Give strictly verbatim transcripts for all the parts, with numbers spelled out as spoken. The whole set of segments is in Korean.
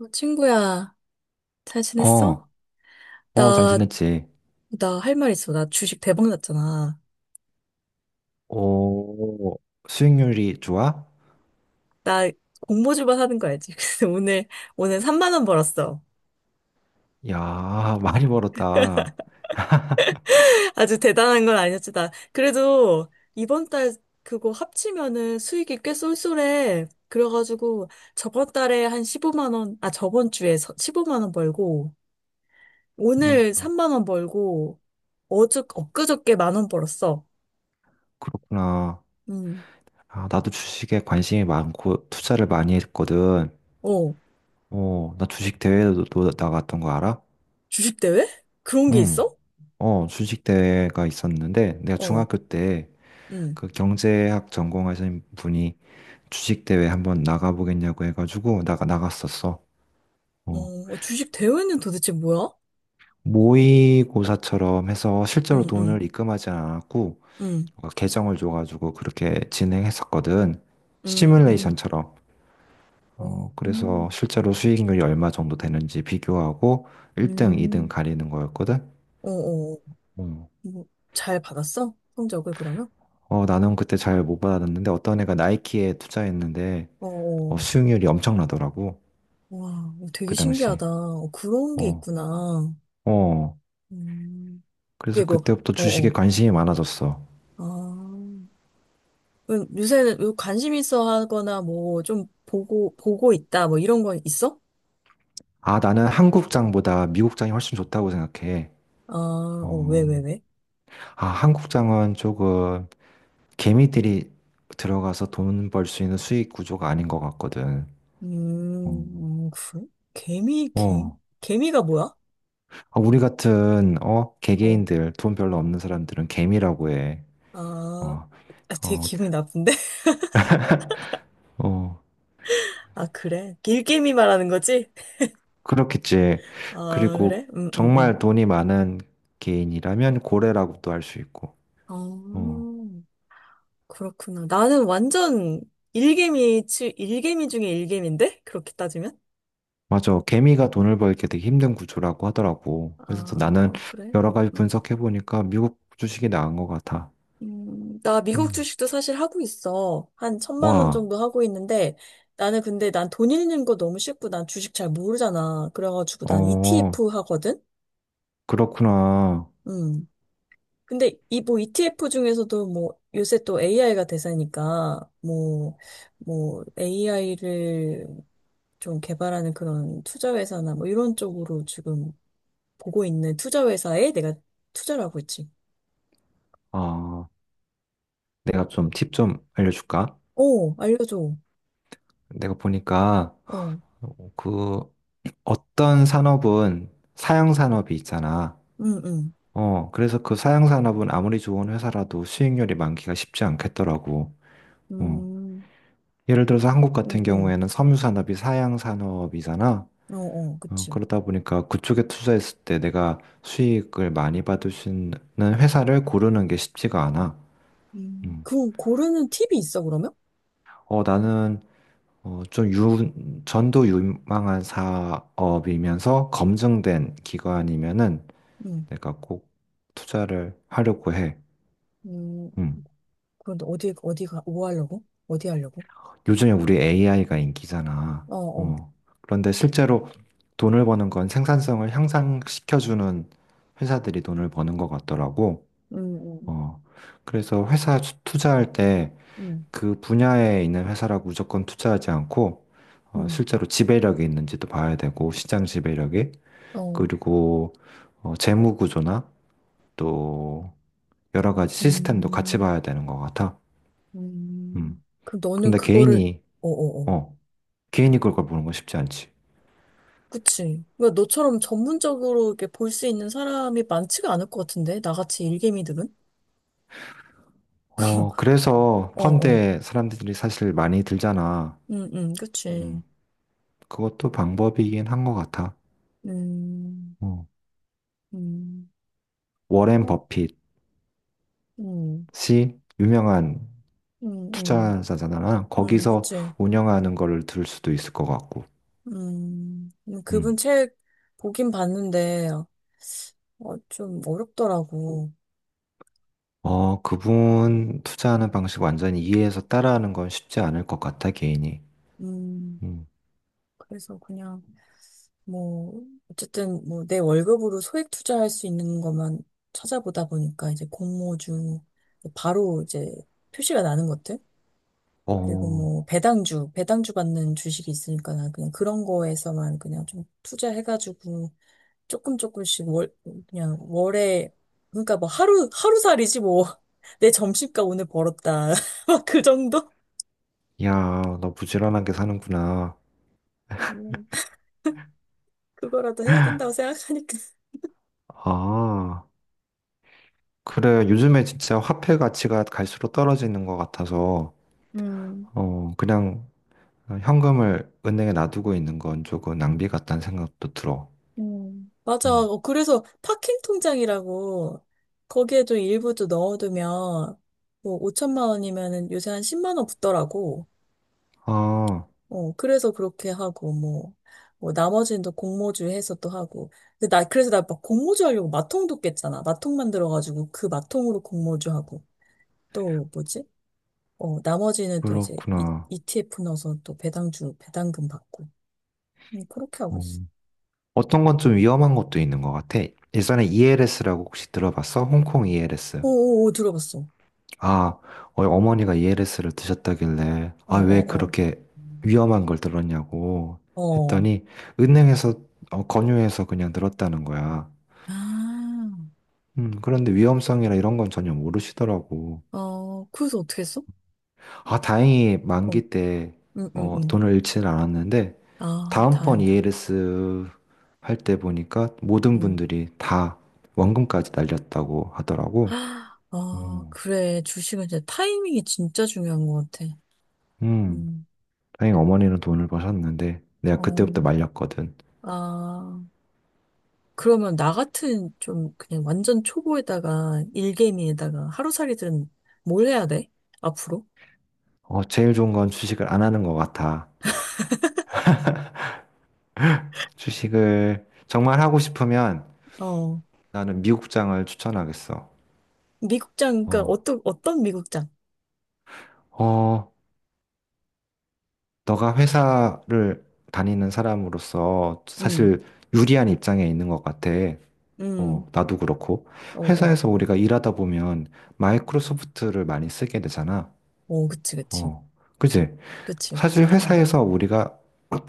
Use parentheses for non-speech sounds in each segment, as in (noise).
어, 친구야, 잘 지냈어? 어, 어, 잘 나, 지냈지? 나 할 말 있어. 나 주식 대박 났잖아. 오, 수익률이 좋아? 나 공모주만 하는 거 알지? (laughs) 그래서 오늘, 오늘 삼만 원 벌었어. 야, 많이 벌었다. (laughs) (laughs) 아주 대단한 건 아니었지. 나, 그래도 이번 달 그거 합치면은 수익이 꽤 쏠쏠해. 그래가지고 저번 달에 한 십오만 원, 아, 저번 주에 서- 십오만 원 벌고, 음, 오늘 삼만 원 벌고, 어저, 엊그저께 만 원 벌었어. 그렇구나. 음. 아, 나도 주식에 관심이 많고 투자를 많이 했거든. 어, 어, 나 주식 대회도 나갔던 거 알아? 주식대회? 그런 게 응. 있어? 어, 주식 대회가 있었는데 내가 어. 중학교 때 응. 그 경제학 전공하신 분이 주식 대회 한번 나가보겠냐고 해가지고 나가 나갔었어. 어, 어. 어, 주식 대회는 도대체 뭐야? 모의고사처럼 해서 실제로 응, 응, 돈을 입금하지 않았고 응, 가 계정을 줘가지고 그렇게 진행했었거든. 응, 응, 시뮬레이션처럼. 어, 어, 그래서 음, 실제로 수익률이 얼마 정도 되는지 비교하고 일 등, 이 등 음. 가리는 거였거든. 어, 어, 음. 뭐, 잘 받았어? 성적을 그러면? 어, 나는 그때 잘 못 받았는데 어떤 애가 나이키에 투자했는데 어, 어, 어, 수익률이 엄청나더라고. 와, 되게 그 당시. 신기하다. 어, 그런 게 어, 있구나. 어. 음, 그게 그래서 뭐, 그때부터 어, 주식에 어, 관심이 많아졌어. 아. 그럼 요새는 관심 있어 하거나 뭐, 좀 보고, 보고 있다, 뭐 이런 건 있어? 아, 나는 한국장보다 미국장이 훨씬 좋다고 생각해. 아, 어, 왜, 왜, 어, 왜? 아, 한국장은 조금 개미들이 들어가서 돈 벌 수 있는 수익 구조가 아닌 것 같거든. 음, 어. 음, 그래? 개미, 개, 어. 개미가 뭐야? 아, 우리 같은 어 어. 개개인들 돈 별로 없는 사람들은 개미라고 해. 아, 어, 아, 되게 어, 기분이 나쁜데? (laughs) 어, 아, 그래? 일개미 말하는 거지? 그렇겠지. 아, 그리고 그래? 음, 음, 음. 정말 돈이 많은 개인이라면 고래라고도 할 수 있고. 아, 어, 그렇구나. 나는 완전 일개미, 치- 일개미 중에 일개미인데? 그렇게 따지면? 맞아. 개미가 돈을 벌게 되게 힘든 구조라고 하더라고. 그래서 또 아, 나는 어, 그래? 여러 음, 가지 음. 분석해 보니까 미국 주식이 나은 것 같아. 음, 나 미국 어. 주식도 사실 하고 있어. 한 천만 원 와. 정도 하고 있는데, 나는 근데 난 돈 잃는 거 너무 싫고 난 주식 잘 모르잖아. 그래가지고 난 어, 이티에프 하거든? 그렇구나. 음. 근데 이 뭐 이티에프 중에서도 뭐 요새 또 에이아이가 대세니까 뭐 뭐 에이아이를 좀 개발하는 그런 투자 회사나 뭐 이런 쪽으로 지금 보고 있는 투자 회사에 내가 투자를 하고 있지. 아, 내가 좀 팁 좀 알려줄까? 오, 알려줘. 내가 보니까 어, 그 어떤 산업은 사양 산업이 있잖아. 응, 응, 어, 그래서 그 사양 산업은 아무리 좋은 회사라도 수익률이 많기가 쉽지 않겠더라고. 어, 음, 예를 들어서 한국 응, 같은 응, 경우에는 섬유 산업이 사양 산업이잖아. 어, 어, 어, 그치. 그러다 보니까 그쪽에 투자했을 때 내가 수익을 많이 받을 수 있는 회사를 고르는 게 쉽지가 않아. 음, 음. 그 고르는 팁이 있어 그러면? 어, 나는 어, 좀 유, 전도 유망한 사업이면서 검증된 기관이면은 응, 내가 꼭 투자를 하려고 해. 음, 음. 그런데 어디 어디가 뭐 하려고? 어디 하려고? 요즘에 우리 에이아이가 인기잖아. 어, 어, 어. 그런데 실제로 돈을 버는 건 생산성을 향상시켜주는 회사들이 돈을 버는 것 같더라고. 응, 응, 어. 그래서 회사 투- 투자할 때 응, 그 분야에 있는 회사라고 무조건 투자하지 않고 어, 응. 실제로 지배력이 있는지도 봐야 되고 시장 지배력이 어. 그리고 어, 재무 구조나 또 여러 가지 시스템도 같이 음, 봐야 되는 것 같아. 음. 음. 그럼 너는 근데 그거를, 개인이, 어어어. 어, 개인이 그걸 보는 건 쉽지 않지. 그치. 왜 너처럼 전문적으로 이렇게 볼 수 있는 사람이 많지가 않을 것 같은데? 나같이 일개미들은? 어, (laughs) 그래서 어어. 펀드에 사람들이 사실 많이 들잖아. 응, 응, 그치. 음, 그것도 방법이긴 한 것 같아. 음, 어. 음, 워렌 어? 버핏이 음, 유명한 음, 음, 투자자잖아. 음, 거기서 그치. 운영하는 거를 들 수도 있을 것 같고. 음, 음, 그분 음. 책 보긴 봤는데, 어, 좀 어렵더라고. 어, 그분 투자하는 방식 완전히 이해해서 따라하는 건 쉽지 않을 것 같아, 개인이. 음, 음. 그래서 그냥. 뭐, 어쨌든 뭐 내 월급으로 소액 투자할 수 있는 것만 찾아보다 보니까 이제 공모주, 바로 이제 표시가 나는 것들? 그리고 어, 뭐 배당주, 배당주 받는 주식이 있으니까 나 그냥 그런 거에서만 그냥 좀 투자해가지고 조금 조금씩 월, 그냥 월에, 그러니까 뭐 하루, 하루살이지 뭐. (laughs) 내 점심값 오늘 벌었다. (laughs) 막 그 정도? 야, 너 부지런하게 사는구나. 아니요. 그거라도 해야 된다고 생각하니까. 아, 그래. 요즘에 진짜 화폐 가치가 갈수록 떨어지는 것 같아서, 음. 어, 그냥 현금을 은행에 놔두고 있는 건 조금 낭비 같다는 생각도 들어. 음, 맞아. 음. 어, 그래서 파킹 통장이라고 거기에 좀 일부 좀 넣어두면 뭐 오천만 원이면은 요새 한 십만 원 붙더라고. 아, 어, 그래서 그렇게 하고 뭐, 뭐 나머지는 또 공모주 해서 또 하고. 근데 나 그래서 나 막 공모주 하려고 마통도 깼잖아. 마통 만들어가지고 그 마통으로 공모주 하고 또 뭐지? 어, 나머지는 또 이제 이, 그렇구나. 이티에프 넣어서 또 배당주 배당금 받고 음, 그렇게 하고 어. 있어. 어떤 건 좀 위험한 것도 있는 것 같아. 예전에 이엘에스라고 혹시 들어봤어? 홍콩 이엘에스. 오오오 들어봤어. 아, 어, 어머니가 이엘에스를 드셨다길래, 어어 아, 어. 왜 어, 어. 그렇게 음. 위험한 걸 들었냐고 어. 했더니, 은행에서, 어, 권유해서 그냥 들었다는 거야. 아, 음, 그런데 위험성이나 이런 건 전혀 모르시더라고. 어, 그래서 어떻게 했어? 아, 다행히 어, 만기 때, 응, 응, 어, 응. 돈을 잃지는 않았는데, 아, 다음번 다행이다. 이엘에스 할 때 보니까 모든 응. 분들이 다 원금까지 날렸다고 하더라고. 아, 음, 그래. 주식은 진짜 타이밍이 진짜 중요한 것 같아. 음, 음, 다행히 어머니는 돈을 버셨는데, 내가 어, 그때부터 말렸거든. 아, 그러면 나 같은 좀 그냥 완전 초보에다가 일개미에다가 하루살이들은 뭘 해야 돼? 앞으로? 어, 제일 좋은 건 주식을 안 하는 것 같아. 주식을 정말 하고 싶으면 어, 나는 미국장을 추천하겠어. 미국장, 그러니까 어, 어떤, 어떤 미국장? 어, 너가 회사를 다니는 사람으로서 응, 사실 유리한 입장에 있는 것 같아. 응, 어, 나도 그렇고. 어, 어, 회사에서 우리가 일하다 보면 마이크로소프트를 많이 쓰게 되잖아. 어, 그치, 그치, 어, 그지? 그치, 사실 어, 어, 회사에서 우리가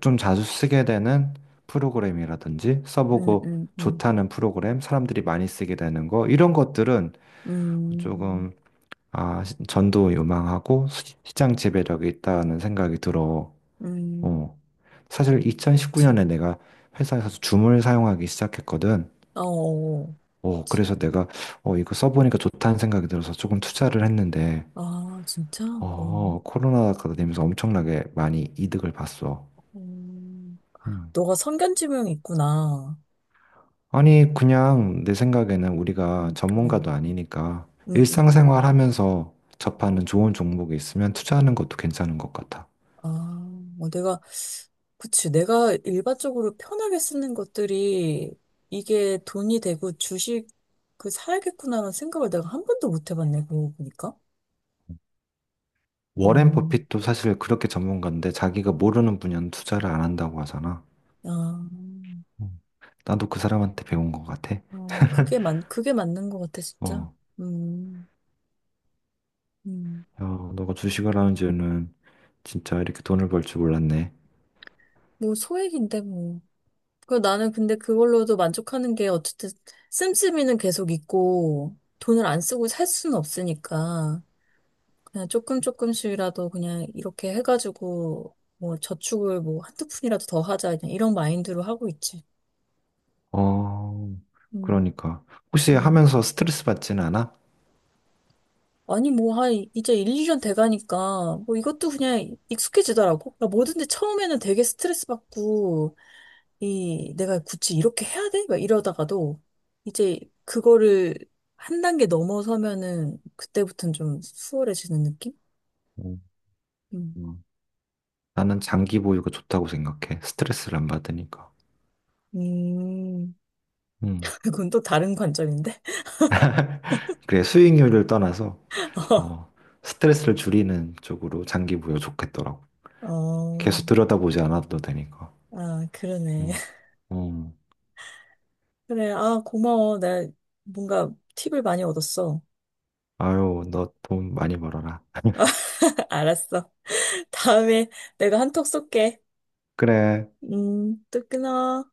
좀 자주 쓰게 되는 프로그램이라든지 응, 써보고 응, 응. 좋다는 프로그램, 사람들이 많이 쓰게 되는 거, 이런 것들은 음, 조금 아, 시- 전도유망하고 시- 시장 지배력이 있다는 생각이 들어. 음, 어. 사실 그치. 이천십구 년에 내가 회사에서 줌을 사용하기 시작했거든. 어, 어, 어, 그치. 그래서 내가 어, 이거 써보니까 좋다는 생각이 들어서 조금 투자를 했는데, 아, 진짜? 어. 어, 코로나가 되면서 엄청나게 많이 이득을 봤어. 음, 음. 너가 성견지명 있구나. 아니, 그냥 내 생각에는 우리가 음, 어, 전문가도 아니니까 음, 음, 음. 일상생활 하면서 접하는 좋은 종목이 있으면 투자하는 것도 괜찮은 것 같아. 아, 뭐 내가, 그치. 내가 일반적으로 편하게 쓰는 것들이 이게 돈이 되고 주식, 그, 사야겠구나라는 생각을 내가 한 번도 못 해봤네, 그러고 보니까. 워렌 음, 버핏도 사실 그렇게 전문가인데 자기가 모르는 분야는 투자를 안 한다고 하잖아. 아, 음. 나도 그 사람한테 배운 것 같아. 아, 그게 맞, 그게 맞는 것 같아, 진짜. 어, 음, 음. 야, 너가 주식을 하는 줄은 진짜 이렇게 돈을 벌 줄 몰랐네. 뭐, 소액인데, 뭐. 그 나는 근데 그걸로도 만족하는 게 어쨌든 씀씀이는 계속 있고 돈을 안 쓰고 살 수는 없으니까 그냥 조금 조금씩이라도 그냥 이렇게 해가지고 뭐 저축을 뭐 한두 푼이라도 더 하자 그냥 이런 마인드로 하고 있지. 어, 음, 그러니까. 혹시 음. 하면서 스트레스 받지는 않아? 아니 뭐 한 이제 일 이 년 돼가니까 뭐 이것도 그냥 익숙해지더라고. 그러니까 뭐든지 처음에는 되게 스트레스 받고 이 내가 굳이 이렇게 해야 돼? 막 이러다가도 이제 그거를 한 단계 넘어서면은 그때부터는 좀 수월해지는 느낌? 음. 음. 음. 나는 장기 보유가 좋다고 생각해. 스트레스를 안 받으니까. 음, 음. (laughs) 그건 또 다른 관점인데? 그래, 수익률을 떠나서 어, (laughs) 스트레스를 줄이는 쪽으로 장기 보유 좋겠더라고. 어, 계속 들여다보지 않아도 되니까. 아, 그러네. 음. (laughs) 음. 그래, 아, 고마워. 나 뭔가 팁을 많이 얻었어. 아유, 너 돈 많이 벌어라. (laughs) 알았어. (laughs) 다음에 내가 한턱 쏠게. 그래. 음, 또 끊어.